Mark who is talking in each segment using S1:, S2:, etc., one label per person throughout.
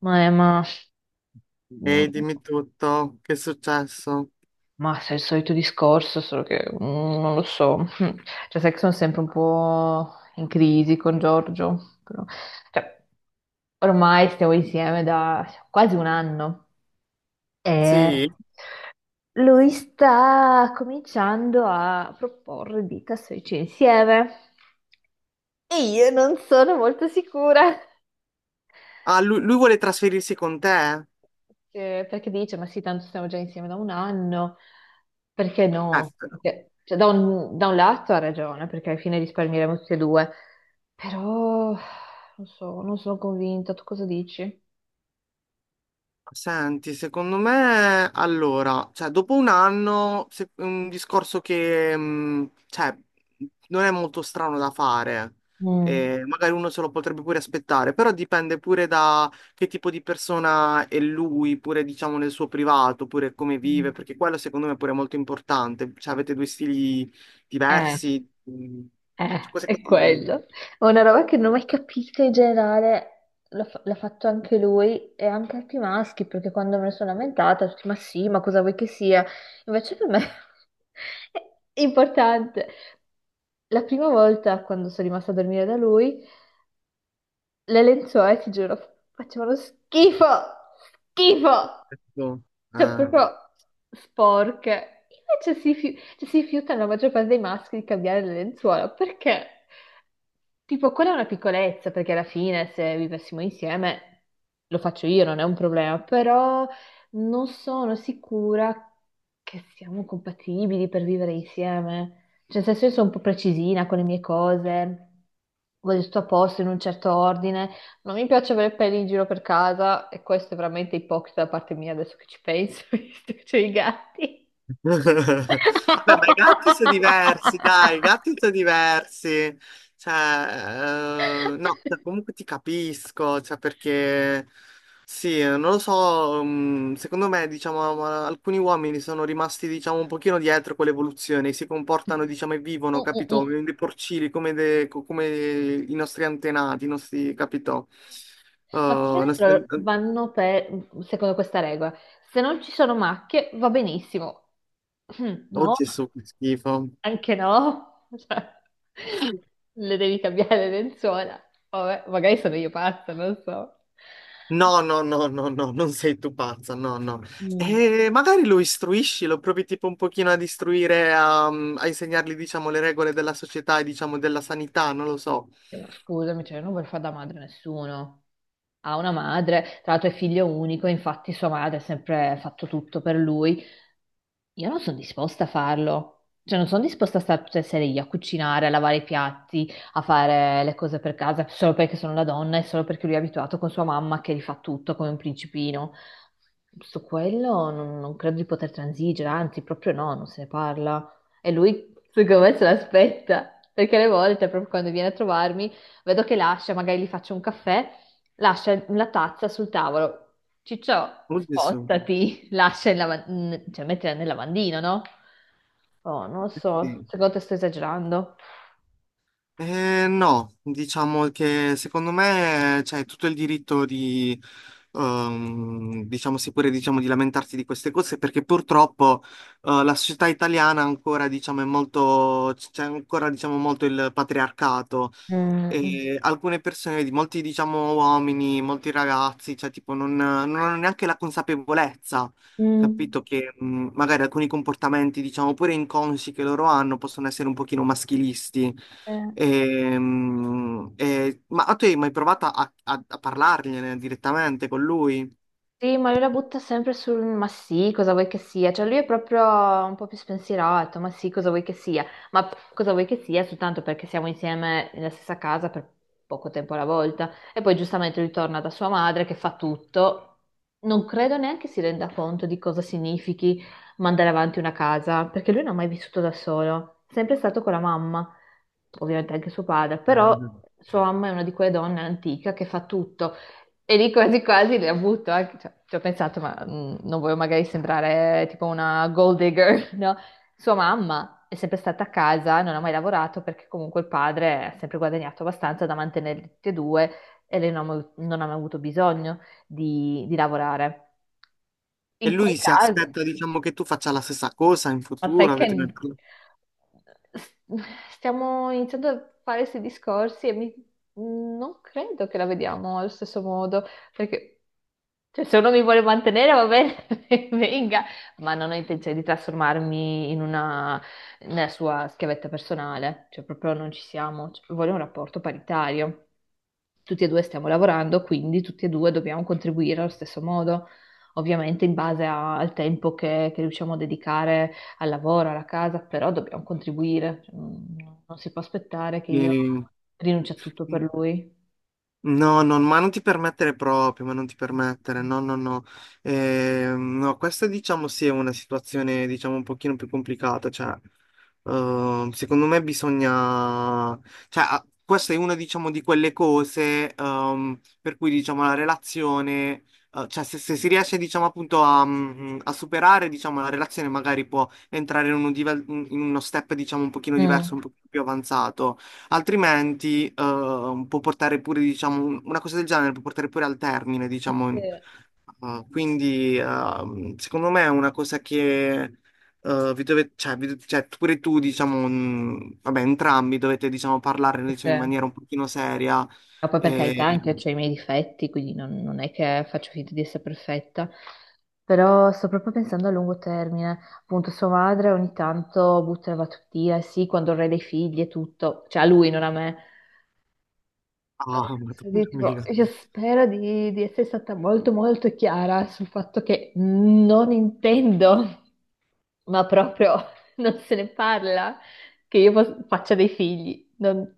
S1: Ma, è- ma,
S2: Ehi, dimmi tutto, che è successo?
S1: ma se è il solito discorso, solo che non lo so. Cioè, sai che sono sempre un po' in crisi con Giorgio. Cioè, Ormai stiamo insieme da quasi un anno e
S2: Sì?
S1: lui sta cominciando a proporre di trasferirci insieme. E io non sono molto sicura.
S2: Ah, lui vuole trasferirsi con te?
S1: Perché dice, ma sì, tanto stiamo già insieme da un anno, perché no?
S2: Ecco.
S1: Cioè, da un lato ha ragione, perché alla fine risparmieremo tutti e due, però non so, non sono convinta, tu cosa dici?
S2: Senti, secondo me, allora, cioè, dopo un anno, un discorso che, cioè, non è molto strano da fare,
S1: Mm.
S2: e magari uno se lo potrebbe pure aspettare, però dipende pure da che tipo di persona è lui, pure, diciamo, nel suo privato, pure come vive,
S1: Mm.
S2: perché quello secondo me pure è molto importante, cioè, avete due stili
S1: Eh,
S2: diversi, mh, cioè, cose
S1: È
S2: che ti...
S1: quello. È una roba che non ho mai capito in generale, l'ha fatto anche lui e anche altri maschi, perché quando me ne sono lamentata, tutti, ma sì, ma cosa vuoi che sia? Invece per me è importante. La prima volta, quando sono rimasta a dormire da lui, le lenzuola, ti giuro, facevano schifo, schifo. Cioè,
S2: Eh.
S1: proprio sporche. Invece si, cioè, si rifiuta la maggior parte dei maschi di cambiare le lenzuola perché, tipo, quella è una piccolezza, perché alla fine se vivessimo insieme lo faccio io, non è un problema, però non sono sicura che siamo compatibili per vivere insieme. Cioè, nel senso, io sono un po' precisina con le mie cose, voglio tutto a posto in un certo ordine. Non mi piace avere peli in giro per casa e questo è veramente ipocrita da parte mia adesso che ci penso, visto che c'ho i gatti.
S2: Vabbè,
S1: I gatti sono
S2: ma i gatti sono
S1: ipocrita.
S2: diversi, dai, i gatti sono diversi. Cioè, no, cioè, comunque ti capisco, cioè, perché sì, non lo so, secondo me, diciamo, ma alcuni uomini sono rimasti, diciamo, un pochino dietro con l'evoluzione, si comportano, diciamo, e vivono,
S1: Mm, mm,
S2: capito?
S1: mm.
S2: Come Dei porcini, come, come i nostri antenati, i nostri, capito? Eh,
S1: Ma più che
S2: i
S1: altro
S2: nostri-
S1: vanno per, secondo questa regola, se non ci sono macchie va benissimo. Mm,
S2: Oh
S1: no,
S2: Gesù, che schifo.
S1: anche no. Cioè, le devi cambiare le lenzuola. Vabbè, magari sono io pazza, non so.
S2: No, no, no, no, no, non sei tu pazza, no, no.
S1: Mm,
S2: E magari lo istruisci, lo provi tipo un pochino ad istruire, a insegnargli, diciamo, le regole della società e, diciamo, della sanità, non lo so.
S1: sì, ma scusami, cioè, non vuol fare da madre a nessuno. Ha una madre, tra l'altro è figlio unico, infatti sua madre ha sempre fatto tutto per lui. Io non sono disposta a farlo, cioè non sono disposta a stare tutte le sere io a cucinare, a lavare i piatti, a fare le cose per casa, solo perché sono la donna e solo perché lui è abituato con sua mamma che rifà tutto come un principino. Su quello non credo di poter transigere, anzi, proprio no, non se ne parla. E lui, secondo me, se l'aspetta, perché le volte, proprio quando viene a trovarmi, vedo che lascia, magari gli faccio un caffè lascia la tazza sul tavolo. Ciccio,
S2: Oddio, su.
S1: spostati, lascia il lava- n- cioè mettila nel lavandino, no? Oh, non lo so,
S2: Sì.
S1: secondo te sto esagerando.
S2: No, diciamo che secondo me c'è tutto il diritto di, diciamo, sì, pure, diciamo, di lamentarsi di queste cose, perché purtroppo, la società italiana ancora, diciamo, è molto, c'è ancora, diciamo, molto il patriarcato.
S1: Mm, mm,
S2: E alcune persone, vedi, molti diciamo uomini, molti ragazzi, cioè tipo non hanno neanche la consapevolezza,
S1: mm.
S2: capito? Che magari alcuni comportamenti, diciamo, pure inconsci che loro hanno possono essere un pochino maschilisti.
S1: Eh.
S2: E, ma tu hai mai provato a parlargliene direttamente con lui?
S1: Sì, ma lui la butta sempre sul ma sì, cosa vuoi che sia? Cioè lui è proprio un po' più spensierato, ma sì, cosa vuoi che sia? Cosa vuoi che sia? Soltanto perché siamo insieme nella stessa casa per poco tempo alla volta. E poi giustamente lui torna da sua madre che fa tutto. Non credo neanche si renda conto di cosa significhi mandare avanti una casa, perché lui non ha mai vissuto da solo, è sempre stato con la mamma, ovviamente anche suo padre, però
S2: Mm.
S1: sua mamma è una di quelle donne antica che fa tutto. E lì quasi quasi le ha avuto, cioè, ci ho pensato, ma non voglio magari sembrare tipo una gold digger, no? Sua mamma è sempre stata a casa, non ha mai lavorato perché comunque il padre ha sempre guadagnato abbastanza da mantenerli tutti e due e lei non ha mai avuto bisogno di lavorare.
S2: E
S1: In quel
S2: lui si
S1: caso,
S2: aspetta, diciamo, che tu faccia la stessa cosa in
S1: ma sai
S2: futuro,
S1: che
S2: avete una...
S1: s- stiamo iniziando a fare questi discorsi e non credo che la vediamo allo stesso modo, perché cioè, se uno mi vuole mantenere va bene, venga, ma non ho intenzione di nella sua schiavetta personale, cioè proprio non ci siamo. Cioè, voglio un rapporto paritario. Tutti e due stiamo lavorando, quindi tutti e due dobbiamo contribuire allo stesso modo, ovviamente in base al tempo che riusciamo a dedicare al lavoro, alla casa, però dobbiamo contribuire, cioè, non si può aspettare che io rinunci a tutto
S2: E-
S1: per lui.
S2: No, no, ma non ti permettere proprio, ma non ti permettere, no, no, no. No, questa diciamo sì è una situazione diciamo un pochino più complicata, cioè secondo me bisogna, cioè ah, questa è una diciamo di quelle cose per cui diciamo la relazione, cioè se si riesce diciamo appunto a superare diciamo la relazione magari può entrare in, in uno step diciamo un pochino diverso, un
S1: Mm.
S2: pochino più avanzato. Altrimenti, può portare pure, diciamo, una cosa del genere può portare pure al termine,
S1: Eh
S2: diciamo.
S1: sì,
S2: Quindi, secondo me è una cosa che, vi dovete, cioè, pure tu, diciamo, vabbè, entrambi dovete, diciamo, parlare, diciamo, in
S1: perché-
S2: maniera un pochino seria.
S1: ma poi per carità
S2: E...
S1: anche ho i miei difetti, quindi non è che faccio finta di essere perfetta, però sto proprio pensando a lungo termine. Appunto, sua madre ogni tanto butta la battutia, sì, quando avrei dei figli e tutto, cioè a lui, non a me.
S2: Ah,
S1: Sì,
S2: madonna
S1: tipo,
S2: mia.
S1: io spero di essere stata molto molto chiara sul fatto che non intendo, ma proprio non se ne parla, che io faccia dei figli.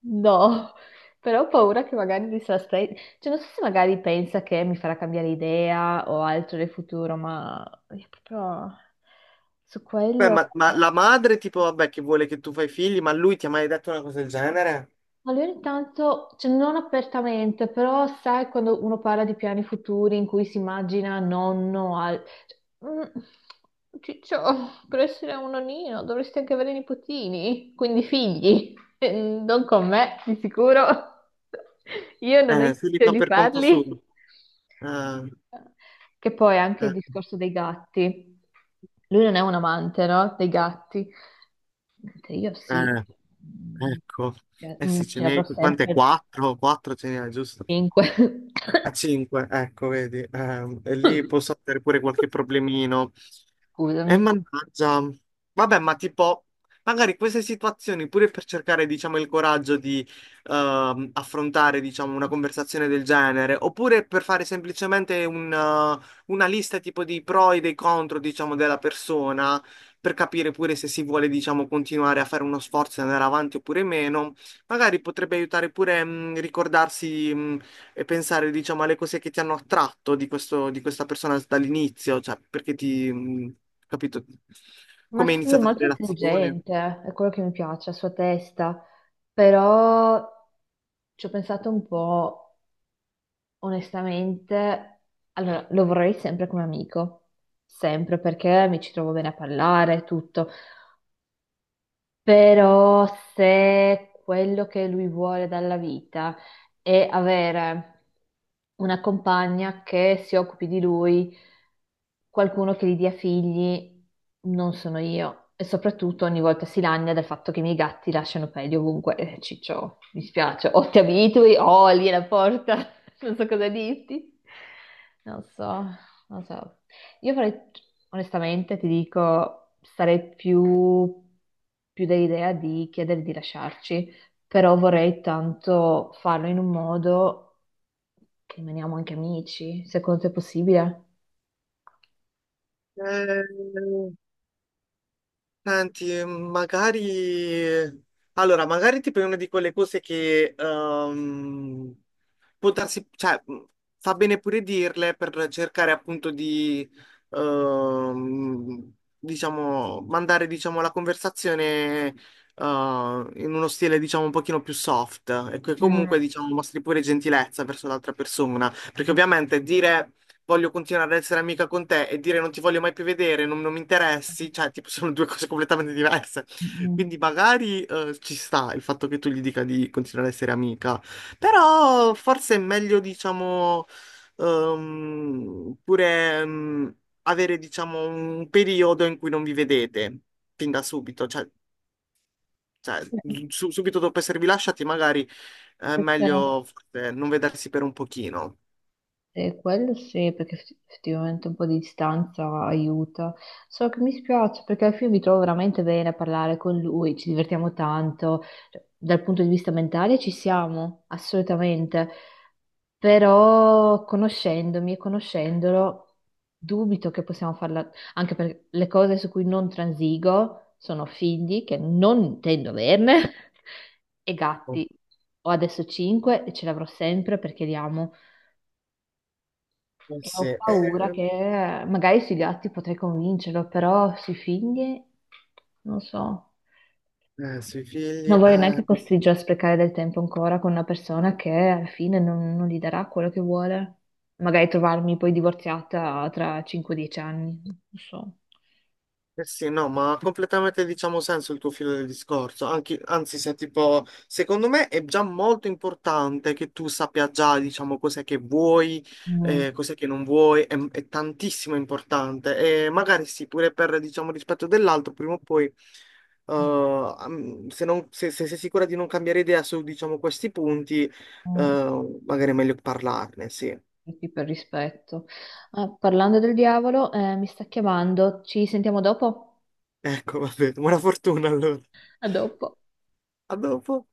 S1: No, però ho paura che magari cioè, non so se magari pensa che mi farà cambiare idea o altro nel futuro, ma io proprio su
S2: Beh,
S1: quello.
S2: ma la madre, tipo, vabbè, che vuole che tu fai figli, ma lui ti ha mai detto una cosa del genere?
S1: Allora, intanto, cioè, non apertamente, però sai quando uno parla di piani futuri in cui si immagina nonno al... cioè, Ciccio, per essere un nonnino dovresti anche avere nipotini, quindi figli. Non con me, di sicuro. Io non ho
S2: Se li
S1: intenzione
S2: fa
S1: di
S2: per conto
S1: farli.
S2: suo. Eh,
S1: Che poi anche il
S2: eh,
S1: discorso dei gatti. Lui non è un amante, no? Dei gatti. Mentre io sì,
S2: eh.
S1: mm,
S2: Ecco,
S1: ce
S2: eh
S1: mm,
S2: sì, ce
S1: ce l'avrò
S2: n'è, quante?
S1: sempre
S2: Quattro ce n'è, giusto?
S1: 5.
S2: A cinque, ecco, vedi, e lì posso avere pure qualche problemino. E
S1: Scusami.
S2: mannaggia, vabbè, ma tipo, magari queste situazioni, pure per cercare, diciamo, il coraggio di affrontare, diciamo, una conversazione del genere, oppure per fare semplicemente una lista tipo di pro e dei contro, diciamo, della persona, per capire pure se si vuole, diciamo, continuare a fare uno sforzo e andare avanti oppure meno, magari potrebbe aiutare pure ricordarsi e pensare, diciamo, alle cose che ti hanno attratto di questo, di questa persona dall'inizio, cioè perché ti, capito,
S1: Ma
S2: come è
S1: sì, è
S2: iniziata la
S1: molto
S2: relazione.
S1: intelligente, è quello che mi piace, la sua testa. Però ci ho pensato un po', onestamente. Allora, lo vorrei sempre come amico, sempre perché mi ci trovo bene a parlare, tutto. Però se quello che lui vuole dalla vita è avere una compagna che si occupi di lui, qualcuno che gli dia figli, non sono io. E soprattutto ogni volta si lagna del fatto che i miei gatti lasciano peli ovunque. Ciccio, mi spiace, o ti abitui o lì è la porta, non so cosa dirti. Non so, non so. Io farei, onestamente, ti dico, sarei più dell'idea di chiedere di lasciarci, però vorrei tanto farlo in un modo che rimaniamo anche amici, secondo te è possibile?
S2: Eh, senti, magari... Allora, magari tipo è una di quelle cose che... può darsi, cioè, fa bene pure dirle per cercare appunto di, ehm, diciamo, mandare, diciamo, la conversazione, in uno stile, diciamo, un pochino più soft e che
S1: Mm.
S2: comunque, diciamo, mostri pure gentilezza verso l'altra persona, perché ovviamente dire voglio continuare ad essere amica con te e dire non ti voglio mai più vedere, non mi interessi, cioè, tipo, sono due cose completamente diverse.
S1: Mm.
S2: Quindi magari ci sta il fatto che tu gli dica di continuare ad essere amica, però forse è meglio, diciamo, pure avere, diciamo, un periodo in cui non vi vedete fin da subito, cioè, cioè, subito dopo esservi lasciati, magari è
S1: Perché?
S2: meglio forse, non vedersi per un pochino.
S1: E quello sì, perché effettivamente un po' di distanza aiuta. So che mi spiace perché al fine mi trovo veramente bene a parlare con lui, ci divertiamo tanto. Cioè, dal punto di vista mentale ci siamo, assolutamente. Però conoscendomi e conoscendolo, dubito che possiamo farla, anche perché le cose su cui non transigo sono figli, che non intendo averne, e gatti. Ho adesso 5 e ce l'avrò sempre perché li amo.
S2: Eh
S1: E
S2: sì,
S1: ho paura che magari sui gatti potrei convincerlo, però sui figli non so.
S2: sui
S1: Non
S2: figli.
S1: vorrei
S2: Eh.
S1: neanche costringerlo a sprecare del tempo ancora con una persona che alla fine non gli darà quello che vuole. Magari trovarmi poi divorziata tra 5-10 anni, non so.
S2: Eh sì, no, ma ha completamente diciamo senso il tuo filo del discorso. Anche, anzi, se tipo, secondo me è già molto importante che tu sappia già, diciamo, cos'è che vuoi,
S1: Mm,
S2: cos'è che non vuoi, è tantissimo importante. E magari sì, pure per, diciamo, rispetto dell'altro, prima o poi,
S1: mm,
S2: se sei sicura di non cambiare idea su, diciamo, questi punti,
S1: mm,
S2: magari è meglio parlarne, sì.
S1: sì, per rispetto. Ah, parlando del diavolo, mi sta chiamando. Ci sentiamo dopo?
S2: Ecco, va bene, buona fortuna allora.
S1: A dopo.
S2: A dopo.